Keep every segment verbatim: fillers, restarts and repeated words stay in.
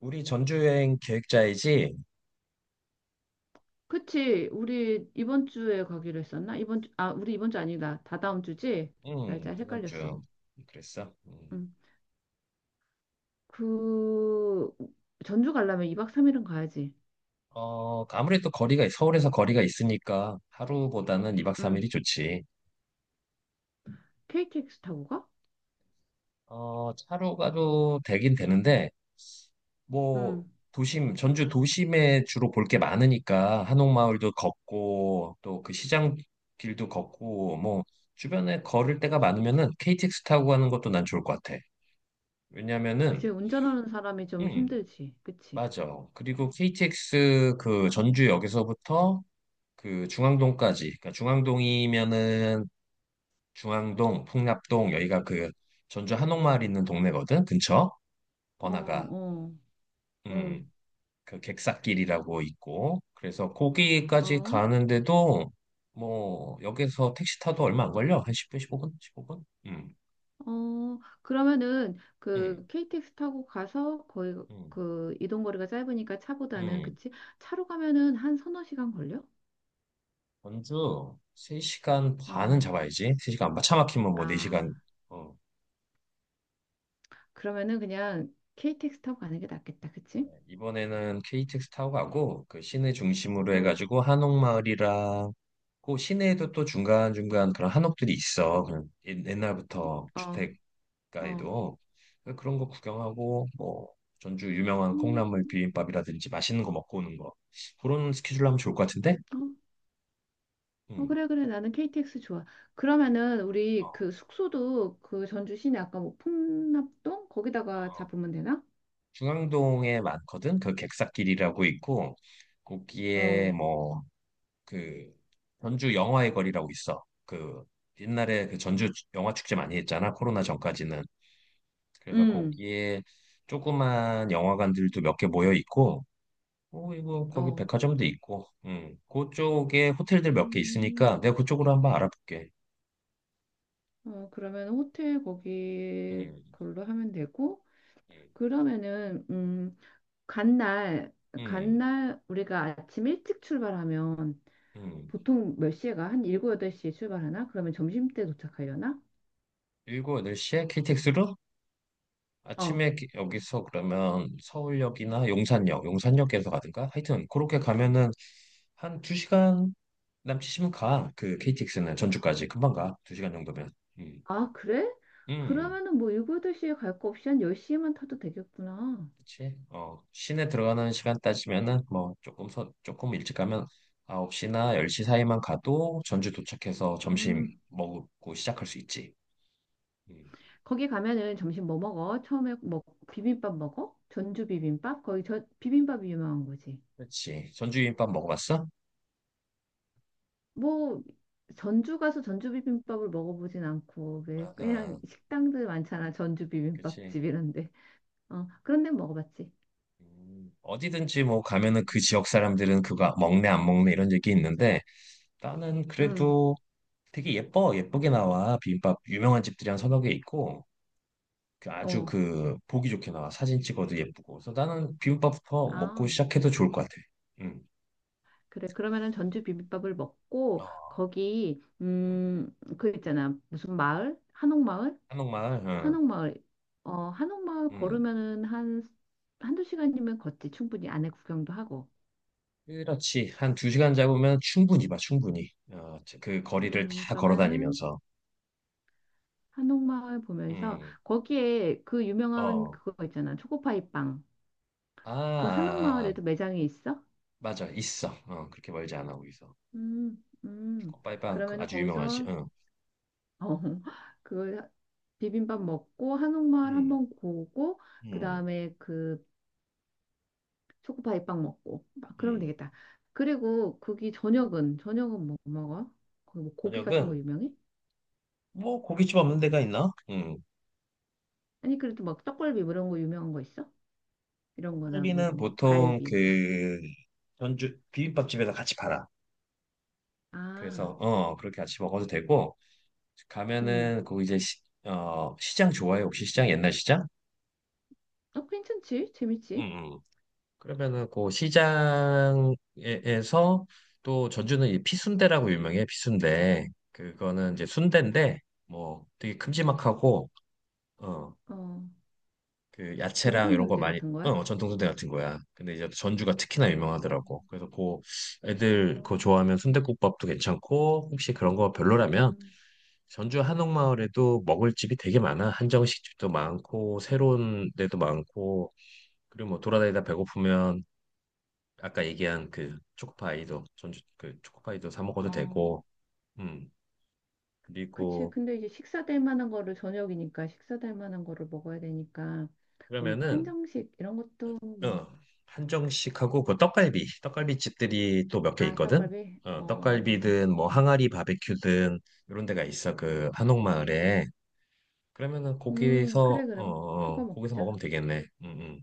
우리 전주 여행 계획자이지? 그치. 우리 이번 주에 가기로 했었나? 이번 주, 아, 우리 이번 주 아니다. 다다음 주지? 날짜 응, 다음 헷갈렸어. 주. 그랬어. 음. 응. 그, 전주 가려면 이 박 삼 일은 가야지. 어, 아무래도 거리가, 서울에서 거리가 있으니까 하루보다는 이 박 응. 삼 일이 좋지. 케이티엑스 타고 가? 어, 차로 가도 되긴 되는데, 뭐, 응. 도심, 전주 도심에 주로 볼 게 많으니까, 한옥마을도 걷고, 또 그 시장 길도 걷고, 뭐, 주변에 걸을 데가 많으면은 케이티엑스 타고 가는 것도 난 좋을 것 같아. 그치. 왜냐면은, 운전하는 사람이 좀 음, 힘들지. 그치. 맞아. 그리고 케이티엑스 그 전주역에서부터 그 중앙동까지, 그러니까 중앙동이면은 중앙동, 풍납동 여기가 그 전주 한옥마을 있는 동네거든. 근처 어, 번화가, 어, 어, 음, 그 객사길이라고 있고, 그래서 거기까지 어, 가는데도 뭐 역에서 택시 타도 얼마 안 걸려. 한 십 분, 십오 분, 십오 분. 음, 어. 그러면은 음, 그 케이티엑스 타고 가서 거의 음, 그 이동 거리가 짧으니까 차보다는 음. 그치? 차로 가면은 한 서너 시간 걸려? 전주 세 시간 반은 어. 잡아야지. 세 시간 반 차 막히면 뭐 네 시간. 아. 그러면은 그냥 케이티엑스 타고 가는 게 낫겠다. 그치? 이번에는 케이티엑스 타고 가고 그 시내 중심으로 응. 해가지고 한옥마을이랑 그 시내에도 또 중간중간 그런 한옥들이 있어. 그런 옛- 옛날부터 어. 어. 주택가에도 그래서 그런 거 구경하고 뭐 전주 유명한 음, 콩나물 비빔밥이라든지 맛있는 거 먹고 오는 거 그런 스케줄로 하면 좋을 것 같은데? 어. 어, 음. 그래 그래. 나는 케이티엑스 좋아. 그래. 그러면은 우리 어, 그 숙소도 그 전주 시내 아까 뭐 풍납동 거기다가 어. 잡으면 되나? 중앙동에 많거든. 그 객사길이라고 있고 어. 거기에 뭐 그 전주 영화의 거리라고 있어. 그 옛날에 그 전주 영화 축제 많이 했잖아. 코로나 전까지는. 그래서 음. 거기에 조그만 영화관들도 몇 개 모여 있고, 어, 이거 거기 어. 백화점도 있고, 음, 그쪽에 호텔들 몇 개 있으니까 음. 내가 그쪽으로 한번 알아볼게. 어, 그러면 호텔 거기 음, 걸로 하면 되고 음, 그러면은 음, 간날 음, 간날 우리가 아침 일찍 출발하면 음. 보통 몇 시에 가? 한 일곱 여덟 시에 출발하나? 그러면 점심때 도착하려나? 일곱 여덟 시에 케이티엑스로 어. 아침에 기- 여기서 그러면 서울역이나 용산역, 용산역에서 가든가 하여튼 그렇게 가면은 한 두시간 남치시면 가. 그 케이티엑스는 전주까지 금방 가. 두 시간 정도면. 음, 아, 그래? 음, 그러면은 뭐 일곱 여덟 시에 갈 거 없이 한 열 시에만 타도 되겠구나. 그치. 어, 시내 들어가는 시간 따지면은 뭐 조금 서, 조금 일찍 가면 아홉 시나 열 시 사이만 가도 전주 도착해서 점심 음. 먹고 시작할 수 있지. 음, 거기 가면은 점심 뭐 먹어? 처음에 뭐 비빔밥 먹어? 전주 비빔밥? 거기 저 비빔밥이 유명한 거지. 그치. 전주 비빔밥 먹어봤어? 뭐 전주 가서 전주 비빔밥을 먹어보진 않고 아, 왜 그냥 아, 식당들 많잖아. 전주 그치. 비빔밥집 이런데. 어. 그런 데 먹어봤지. 음, 어디든지 뭐 가면은 그 지역 사람들은 그거 먹네 안 먹네 이런 얘기 있는데 나는 음. 그래도 되게 예뻐 예쁘게 나와 비빔밥 유명한 집들이 한 서너 개 있고 그 아주 어. 그 보기 좋게 나와 사진 찍어도 예쁘고 그래서 나는 비빔밥부터 먹고 아. 시작해도 좋을 것 같아. 응. 그래, 그러면은 전주 비빔밥을 먹고, 어, 거기, 응. 음, 그 있잖아. 무슨 마을? 한옥마을? 한옥마을, 한옥마을. 어, 한옥마을 응. 응. 걸으면은 한, 한두 시간이면 걷지. 충분히 안에 구경도 하고. 그렇지. 한 두 시간 잡으면 충분히 봐, 충분히. 어, 그 거리를 음, 다 걸어 그러면은 다니면서. 한옥마을 보면서, 음, 거기에 그 유명한 어, 그거 있잖아. 초코파이 빵. 아, 그 아, 아. 한옥마을에도 매장이 있어? 맞아, 있어. 어, 그렇게 멀지 않아, 거기서. 음, 음. 컵바이빵 그 그러면은 아주 유명하지. 거기서 응, 어, 그 비빔밥 먹고 한옥마을 음, 한번 보고 음, 그다음에 그 초코파이 빵 먹고 막 그러면 음. 되겠다. 그리고 거기 저녁은 저녁은 뭐 먹어? 거기 뭐 고기 같은 거 저녁은 유명해? 뭐 고깃집 없는 데가 있나? 음. 아니 그래도 막 떡갈비 뭐 이런 거 유명한 거 있어? 이런 거나 뭐 떡갈비는 이런 거? 보통 갈비 뭐. 그 전주 비빔밥집에서 같이 팔아. 아, 그래서 어 그렇게 같이 먹어도 되고 음. 가면은 그 이제 시, 어 시장 좋아해 혹시 시장 옛날 시장? 어, 괜찮지? 재밌지? 음. 음. 그러면은 그 시장에서 또 전주는 이 피순대라고 유명해 피순대. 그거는 이제 순대인데 뭐 되게 큼지막하고 어 어, 그 야채랑 전통 이런 거 순대 많이 같은 거야? 어 전통순대 같은 거야. 근데 이제 전주가 특히나 어, 유명하더라고. 그래서 그 애들 그거 어, 좋아하면 순댓국밥도 괜찮고 혹시 그런 거 별로라면 음, 전주 한옥마을에도 먹을 집이 되게 많아. 한정식 집도 많고, 새로운 데도 많고, 그리고 뭐 돌아다니다 배고프면 아까 얘기한 그 초코파이도, 전주 그 초코파이도 사 먹어도 어. 되고, 음, 그치. 그리고 근데 이제 식사 될 만한 거를 저녁이니까 식사 될 만한 거를 먹어야 되니까 그럼 그러면은, 한정식 이런 것도 뭐 어, 한정식하고 그 떡갈비, 떡갈비 집들이 또 몇 개 아 있거든? 떡갈비 어, 어, 떡갈비든 뭐 어. 항아리 바베큐든 이런 데가 있어. 그 한옥마을에. 그러면은 음 거기서, 그래 어, 그럼 어, 그거 거기서 먹자. 먹으면 되겠네. 응,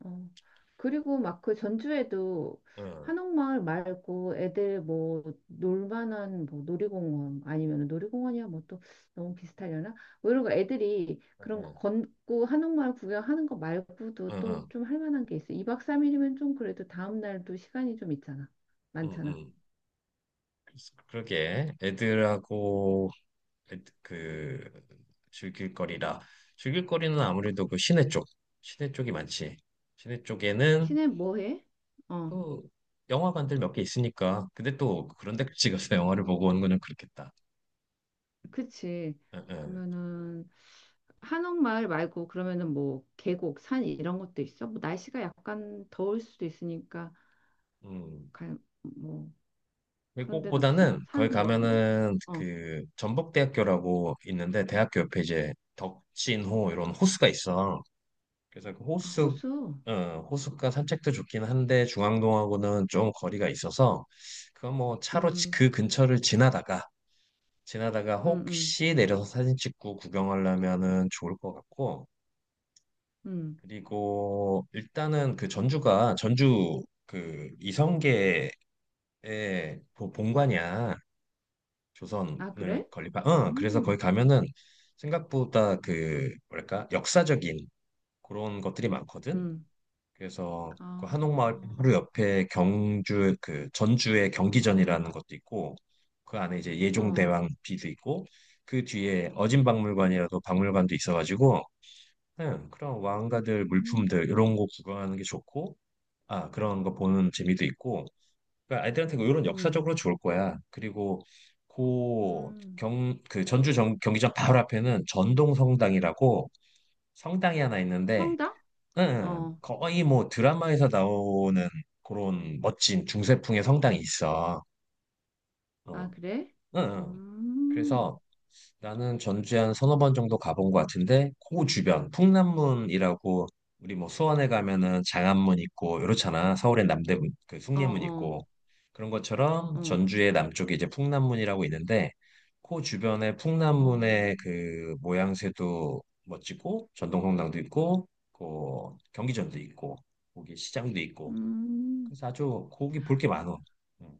어. 그리고 막 그 전주에도 응, 한옥마을 말고 애들 뭐 놀만한 뭐 놀이공원 아니면 놀이공원이야 뭐 또 너무 비슷하려나? 뭐 이런 거 애들이 그런 거 응, 걷고 한옥마을 구경하는 거 말고도 응, 또 응. 좀 할 만한 게 있어. 이 박 삼 일이면 좀 그래도 다음 날도 시간이 좀 있잖아. 음, 많잖아. 음. 그래서 그러게 애들하고 애 그 즐길 거리라 즐길 거리는 아무래도 그 시내 쪽 시내 쪽이 많지 시내 쪽에는 친해 뭐 해? 어. 그 영화관들 몇 개 있으니까 근데 또 그런 데까지 가서 영화를 보고 오는 거는 그렇겠다 그치. 응, 응. 그러면은 한옥마을 말고 그러면은 뭐 계곡, 산 이런 것도 있어? 뭐 날씨가 약간 더울 수도 있으니까 음. 갈, 뭐 그런 데는 없어? 외국보다는 산 거기 뭐 이런 데? 가면은 어. 그 전북대학교라고 있는데 대학교 옆에 이제 덕진호 이런 호수가 있어 그래서 그 아, 호수, 호수. 어, 호수가 산책도 좋긴 한데 중앙동하고는 좀 거리가 있어서 그건 뭐 차로 지- 음. 그 근처를 지나다가 지나다가 음, 음. 혹시 내려서 사진 찍고 구경하려면은 좋을 것 같고 음. 그리고 일단은 그 전주가 전주 그 이성계의 그 본관이야 아, 조선을 그래? 건립한 어 그래서 거기 음. 가면은 생각보다 그 뭐랄까 역사적인 그런 것들이 많거든 음. 그래서 아. 그 한옥마을 바로 옆에 경주 그 전주의 경기전이라는 것도 있고 그 안에 이제 어. 예종대왕 비도 있고 그 뒤에 어진박물관이라도 박물관도 있어가지고 네, 그런 왕가들 음. 물품들 이런 거 구경하는 게 좋고 아 그런 거 보는 재미도 있고 그러니까 아이들한테 뭐 이런 음. 역사적으로 좋을 거야 그리고 고 음. 경그 전주 정, 경기장 바로 앞에는 전동성당이라고 성당이 하나 있는데 성당? 응, 어. 거의 뭐 드라마에서 나오는 그런 멋진 중세풍의 성당이 있어. 아, 어, 그래? 응, 응. 음. 그래서 나는 전주에 한 서너 번 정도 가본 것 같은데 그 주변 풍남문이라고 우리 뭐 수원에 가면은 장안문 있고 이렇잖아 서울엔 남대문 그 어, 숭례문 어. 있고 그런 것처럼 어. 전주의 남쪽에 이제 풍남문이라고 있는데 그 주변에 어. 풍남문의 그 모양새도 멋지고 전동성당도 있고 그 경기전도 있고 거기 시장도 있고 음, 그래서 아주 거기 볼게 많어 응.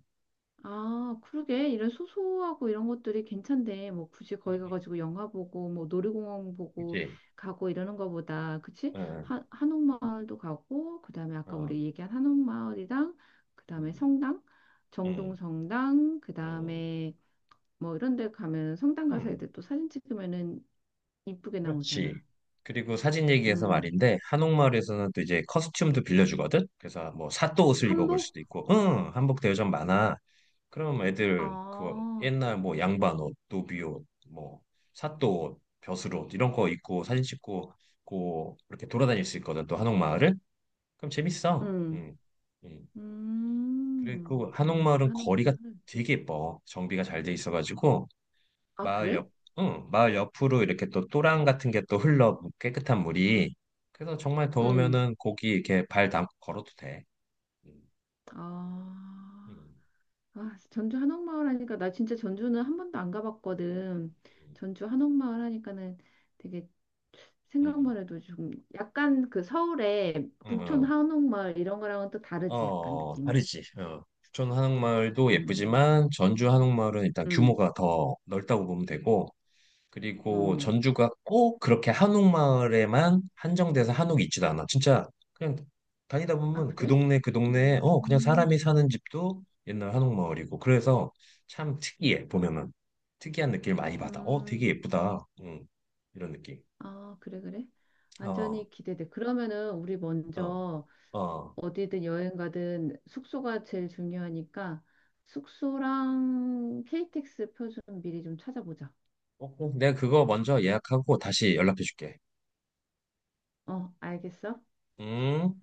아, 그러게. 이런 소소하고 이런 것들이 괜찮대. 뭐 굳이 거기 가가지고 영화 보고, 뭐 놀이공원 보고 그치? 가고 이러는 거보다, 그치? 응, 하, 한옥마을도 가고, 그 다음에 아까 응, 우리 얘기한 한옥마을이랑, 그 다음에 응, 성당, 응, 정동성당, 그 응, 다음에 뭐 이런 데 가면 성당 가서 응. 애들 또 사진 찍으면은 이쁘게 그렇지. 나오잖아. 그리고 사진 얘기해서 음, 말인데 한옥마을에서는 또 이제 커스튬도 빌려주거든. 그래서 뭐 사또 옷을 입어볼 한복? 수도 있고, 응, 한복 대여점 많아. 그럼 애들 그거 어, 옛날 뭐 양반 옷, 노비 옷, 뭐 사또 옷, 벼슬 옷 이런 거 입고 사진 찍고 고 이렇게 돌아다닐 수 있거든. 또 한옥마을을. 그럼 재밌어. 음, 음, 음. 그리고 음, 전주 한옥마을은 거리가 한옥마을. 되게 예뻐. 정비가 잘 돼 있어가지고 아, 마을 그래? 옆, 응, 마을 옆으로 이렇게 또 또랑 같은 게 또 흘러 깨끗한 물이. 그래서 정말 응. 더우면은 거기 이렇게 발 담고 걸어도 돼. 음, 아, 음, 아, 전주 한옥마을 하니까 나 진짜 전주는 한 번도 안 가봤거든. 전주 한옥마을 하니까는 되게 음, 생각만 해도 좀 약간 그 서울의 음, 음. 북촌 음. 한옥마을 이런 거랑은 또 어, 다르지 약간 어, 느낌이. 다르지. 어. 부천 한옥마을도 음, 예쁘지만 전주 한옥마을은 일단 음, 규모가 더 넓다고 보면 되고 그리고 어, 전주가 꼭 그렇게 한옥마을에만 한정돼서 한옥이 있지도 않아. 진짜 그냥 다니다 아 보면 그 그래? 동네 그 동네에 어 그냥 음, 사람이 사는 집도 옛날 한옥마을이고 그래서 참 특이해 보면은 특이한 느낌을 많이 받아. 어 되게 음, 예쁘다. 음, 이런 느낌. 아 그래 그래. 어, 완전히 기대돼. 그러면은 우리 어, 먼저 어. 어디든 여행 가든 숙소가 제일 중요하니까 숙소랑 케이티엑스 표 좀 미리 좀 찾아보자. 어, 꼭 내가 그거 먼저 예약하고 다시 연락해 줄게. 어, 알겠어? 음.